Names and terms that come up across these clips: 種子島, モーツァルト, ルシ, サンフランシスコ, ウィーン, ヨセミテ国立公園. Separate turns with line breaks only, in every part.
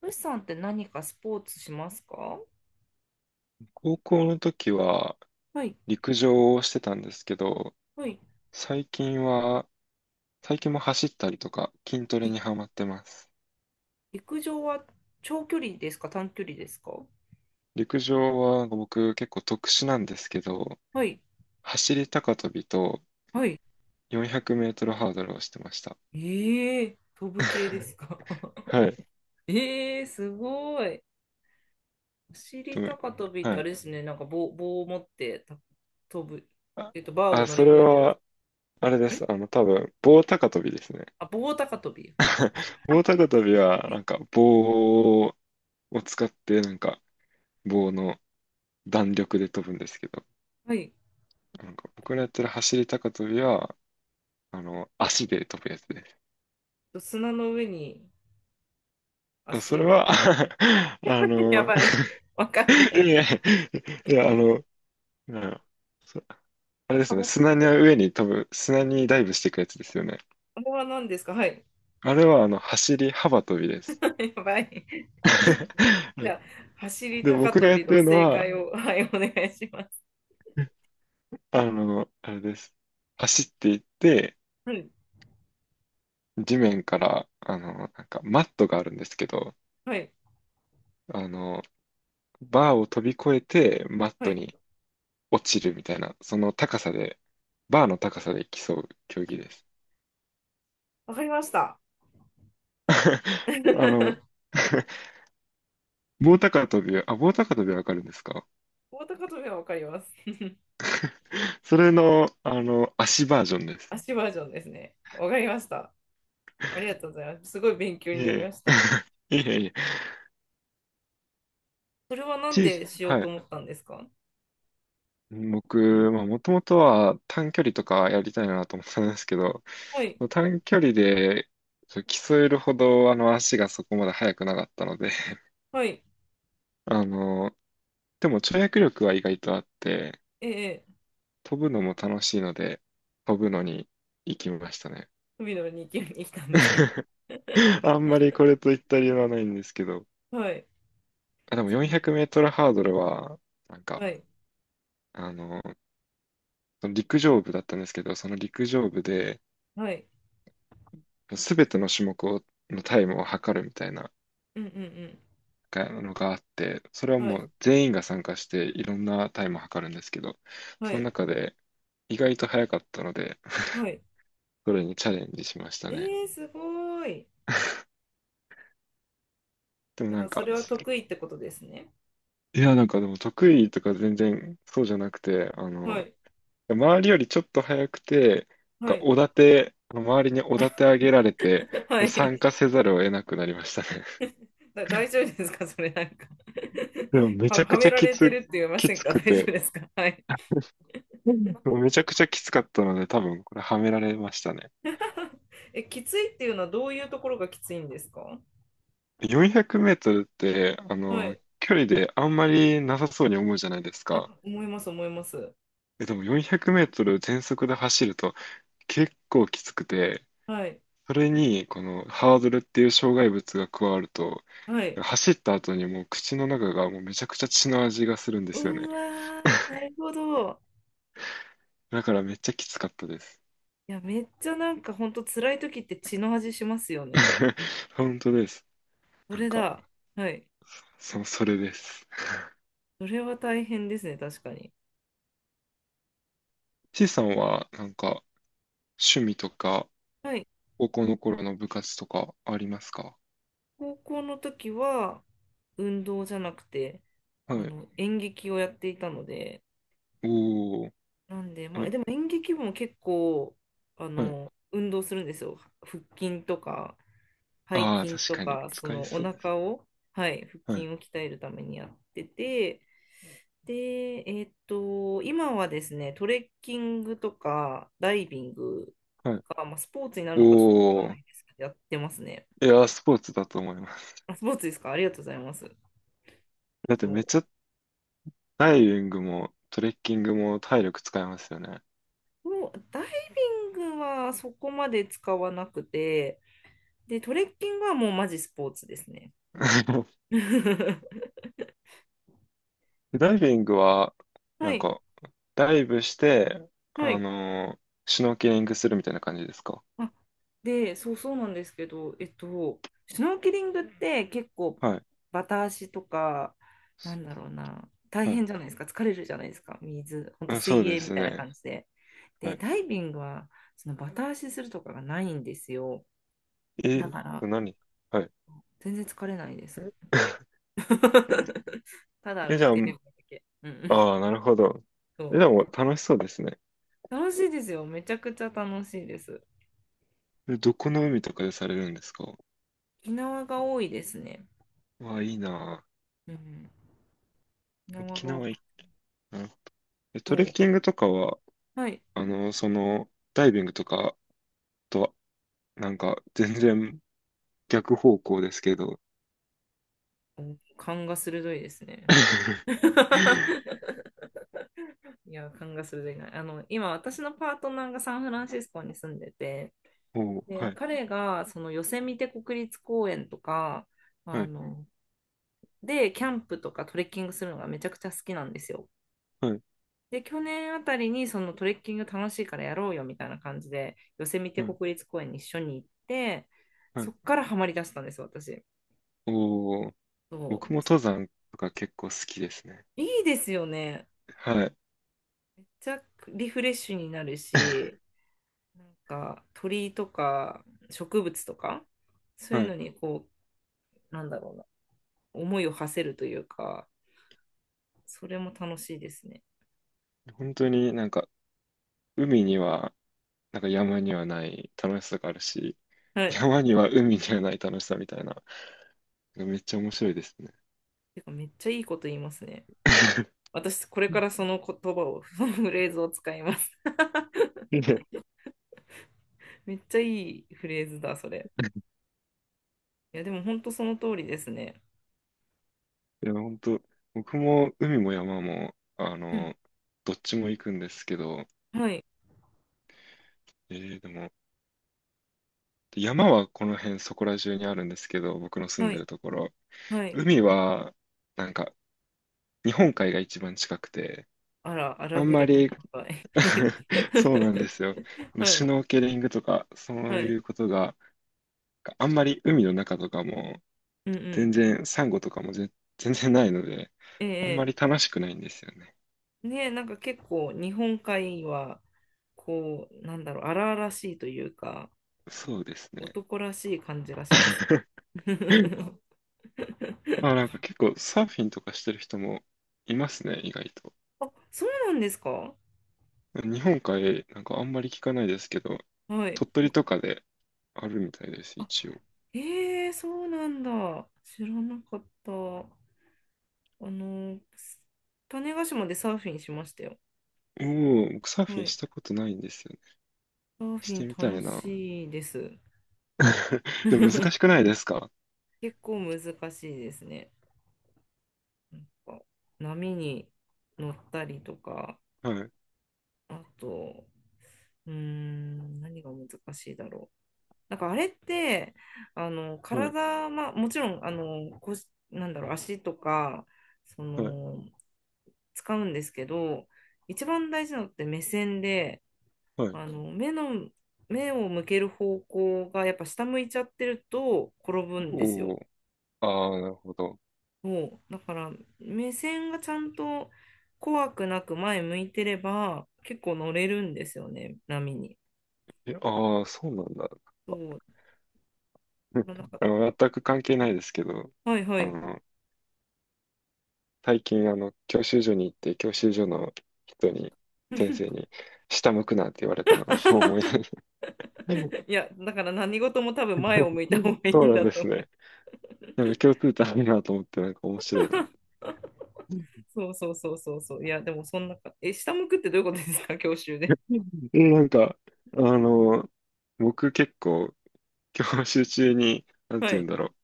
ルシさんって何かスポーツしますか？
高校の時は
はい、
陸上をしてたんですけど、
はい、
最近は、最近も走ったりとか筋ト
は
レ
い。
にハマってます。
陸上は長距離ですか、短距離ですか？
陸上は僕結構特殊なんですけど、
はい、
走り高跳びと
はい。
400メートルハードルをしてました。
ええー、飛ぶ系で すか？
はい。
ええー、すごい。お
で
尻
も
高跳びって
は
あ
い。
れですね、なんか棒を持ってた飛ぶ、
あ、
バーを
あ、
乗り
それ
越えるやつ。
は、あれで
あれ、
す。多分、棒高跳びですね。
あ、棒高跳び。
棒高跳びは、棒を使って、棒の弾力で飛ぶんですけど、
はい。
なんか僕らやってる走り高跳びは、足で飛ぶやつです。
砂の上に
あそ
足
れ
を。
は あ
や
の、
ばい。わかんな
い
い。
や、いや、うん。あれですね、
幅、
砂の上に飛ぶ、砂にダイブしていくやつですよね。
幅は何ですか？はい。
あれは、走り幅跳びです。
やばい。
は
じゃ
い。
あ、走り
で、
高
僕が
跳
やっ
び
て
の
るの
正
は、
解を、はい、お願いします。
あれです。走っていって、
はい、
地面から、マットがあるんですけど、
はい、
あの、バーを飛び越えて、マッ
は
ト
い。
に落ちるみたいな、その高さで、バーの高さで競う競技です。
わかりました。
あの、棒高跳びは、あ、棒高跳びはわかるんですか？
棒高跳びはわかります。
それの、足バージョンです。
足バージョンですね。わかりました。ありがとうございます。すごい勉強
い
になり
え
ました。
いえ、いえいえ、
それはなん
小さ、
でしよう
は
と
い。
思ったんですか？
僕、まあ、もともとは短距離とかやりたいなと思ってたんですけど、
はい、
短距離でそう競えるほどあの足がそこまで速くなかったので、
はい。
あの、でも跳躍力は意外とあって、
ええ、
飛ぶのも楽しいので、飛ぶのに行きましたね。
海の2級に来たんですね。
あんまりこれといった理由はないんですけど、
はい。
あ、でも
そ
400
う、
メートルハードルは、なんか、
はい、
あの、その陸上部だったんですけど、その陸上部で、
はい。
すべての種目を、のタイムを測るみたいな
うんうんうん。
がのがあって、それは
は
も
い、
う全員が参加して、いろんなタイムを測るんですけど、
は
その
い、
中で意外と早かったので、
はい。
それにチャレンジしましたね。
ええ、すごい。
でも
じ
な
ゃあ、
ん
そ
か、
れは得意ってことですね。
いや、なんかでも得意とか全然そうじゃなくて、
はい、
周りよりちょっと早くて、
は
なんか
い。
おだて、周りにおだて上げられて、
は
参加
い。
せざるを得なくなりましたね。
だ大丈夫ですか？ それなんか、
でも めち
は、
ゃ
は
くち
め
ゃ
ら
き
れて
つ、
るって言いま
き
せん
つ
か？
く
大丈夫
て、
ですか？ はい。
うん、めちゃくちゃきつかったので、多分これはめられましたね。
え、きついっていうのはどういうところがきついんですか？
400メートルって、
はい。
距離であんまりなさそうに思うじゃないです
あ、
か。
思います、思います。
え、でも400メートル全速で走ると結構きつくて、
はい。
それに、このハードルっていう障害物が加わると、
はい。
走った後にもう口の中がもうめちゃくちゃ血の味がするんで
う
すよね。
わー、なるほど。
だからめっちゃきつかったです。
いや、めっちゃなんかほんと辛い時って血の味しますよね。
本当です。
そ
なん
れ
か、
だ。はい。
そ、それです。
それは大変ですね、確かに。
C さんは、なんか、趣味とか、
はい。
高校の頃の部活とかありますか？
高校の時は運動じゃなくて、
はい。
演劇をやっていたので、
おー。
なんで、
あ、
まあ、でも演劇部も結構、
はい。
運動するんですよ。腹筋とか、背
ああ、
筋
確
と
かに、
か、そ
使い
のお
そうです。
腹を、はい、腹
は
筋
い。
を鍛えるためにやってて、で、今はですね、トレッキングとか、ダイビング
はい。
が、まあ、スポーツになるのかちょっとわ
お
からな
ー。
いですけど、やってますね。
いやー、スポーツだと思います。
あ、スポーツですか？ありがとうございます。
だって
そ
めっちゃダイビングもトレッキングも体力使いますよね。
う。もうダイビングはそこまで使わなくて、で、トレッキングはもうマジスポーツですね。
ダイビングは、
は
なん
い、
か、ダイブして、
はい。
シュノーケリングするみたいな感じですか？
あ、で、そうそうなんですけど、シュノーケリングって結構
はい。
バタ足とか、なんだろうな、大
は
変
い。
じゃないですか、疲れるじゃないですか、水、ほんと
あ、そう
水
で
泳み
す
たいな
ね。
感じで。
は
で、
い。
ダイビングは、そのバタ足するとかがないんですよ。だ
え、
から、
何、はい。
全然疲れないです。ただ
え、
浮
じ
い
ゃあ、
てるだけ。うんうん。
ああ、なるほど。え、
そ
でも楽しそうですね。
う。楽しいですよ。めちゃくちゃ楽しいです。
え、どこの海とかでされるんですか？
沖縄が多いですね。
わあ、いいな。
うん。沖
あ、
縄
沖
が多、
縄いいな。なるほど。え、トレッキン
も
グとかは、
う、はい。
あの、その、ダイビングとかとなんか、全然逆方向ですけど。
う、勘が鋭いですね。いや、勘が鋭いな。今、私のパートナーがサンフランシスコに住んでて、
おー、
で、
はい、
彼が、その、ヨセミテ国立公園とか、あ
はい、
の、で、キャンプとかトレッキングするのがめちゃくちゃ好きなんですよ。
はい、
で、去年あたりに、そのトレッキング楽しいからやろうよみたいな感じで、ヨセミテ
はい、
国立公園に一緒に行って、
は
そ
い。
っからハマりだしたんですよ、私。
おー、
そ
僕も
う。
登山とか結構好きですね。
いいですよね。
はい、
ちゃ、リフレッシュになるし、なんか鳥とか植物とか、そうい
は
う
い。
のにこう、なんだろうな、思いを馳せるというか、それも楽しいですね。
本当になんか、海には、なんか山にはない楽しさがあるし、
はい。
山には海にはない楽しさみたいな、めっちゃ面白いですね。
てかめっちゃいいこと言いますね。私、これからその言葉を、そのフレーズを使います。
いや、い
めっちゃいいフレーズだ、それ。いや、でも本当その通りですね。
や本当、僕も海も山も、
うん。
どっちも行くんですけど、
はい、
えー、でも、で山はこの辺そこら中にあるんですけど、僕の住ん
は
で
い、
るところ。
はい。
海は、なんか、日本海が一番近くて、
あら、荒
あん
ぶ
ま
る日
り
本海。はい
そうなんですよ。まあ
は
シュ
い、
ノーケリングとか、そ
は
う
い。
いうことが、あんまり海の中とかも、
うんうん。
全然、サンゴとかもぜ全然ないので、あんま
ええ、
り楽しくないんですよね。
ねえ、なんか結構日本海は、こう、なんだろう、荒々しいというか、
そうですね。
男らしい感じがします。
あ、なんか結構サーフィンとかしてる人もいますね、意外と。
あ、そうなんですか？
日本海、なんかあんまり聞かないですけど、
はい。
鳥取とかであるみたいです、
あ、
一応。
ええ、そうなんだ。知らなかった。の、種子島でサーフィンしましたよ。
おう、僕サーフ
は
ィン
い。
したことないんですよね。
サーフ
し
ィン
てみた
楽
いな。
しいです。
でも難しく ないですか？
結構難しいですね。なんか波に乗ったりとか、
はい、
あと、何が難しいだろう。なんかあれって、
はい、
体、まあ、もちろん、腰、なんだろう、足とか、そ
はい、
の、使うんですけど、一番大事なのって目線で、
はい。
目の、目を向ける方向がやっぱ下向いちゃってると転ぶんです
お
よ。
ー、ああ、なるほど。
そう。だから、目線がちゃんと怖くなく前向いてれば、結構乗れるんですよね、波に。
え、ああ、そうなんだ。
そうのなん か、
全く関係ないですけど、
はいは
あ
い。
の、最近、教習所に行って、教習所の人に、先生 に、下向くなって言われたのがもう思い出す。
いや、だから何事も多分前を向いた方がいい
そう
ん
なん
だ
で
と
す
思いま
ね。
す。
なんか共通点あるなと思って、なんか面白いな。
そうそうそうそうそう。いや、でもそんなか、え、下向くってどういうことですか、教習で。
え、なんか、あの、僕結構、教習中に、なんて
は
言う
い。
んだろう、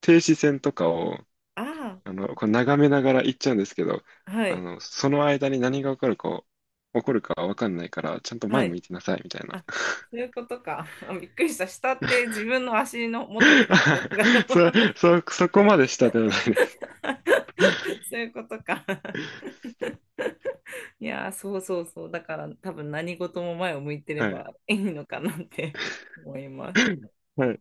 停止線とかを、
あ
こう眺めながら行っちゃうんですけど、
あ、はい、
その間に何が起こるか、起こるかわかんないから、ちゃんと
は
前向
い。
いてなさい、みたい
あ、
な。
そういうことか。あ、びっくりした。下って自分の足の元とか見てるのか
そ、
な？
そ、そこまでしたではないです。
そういうことか。いやー、そうそうそう。だから多分何事も前を向いてれ
はい。
ばいいのかなって思います。
はい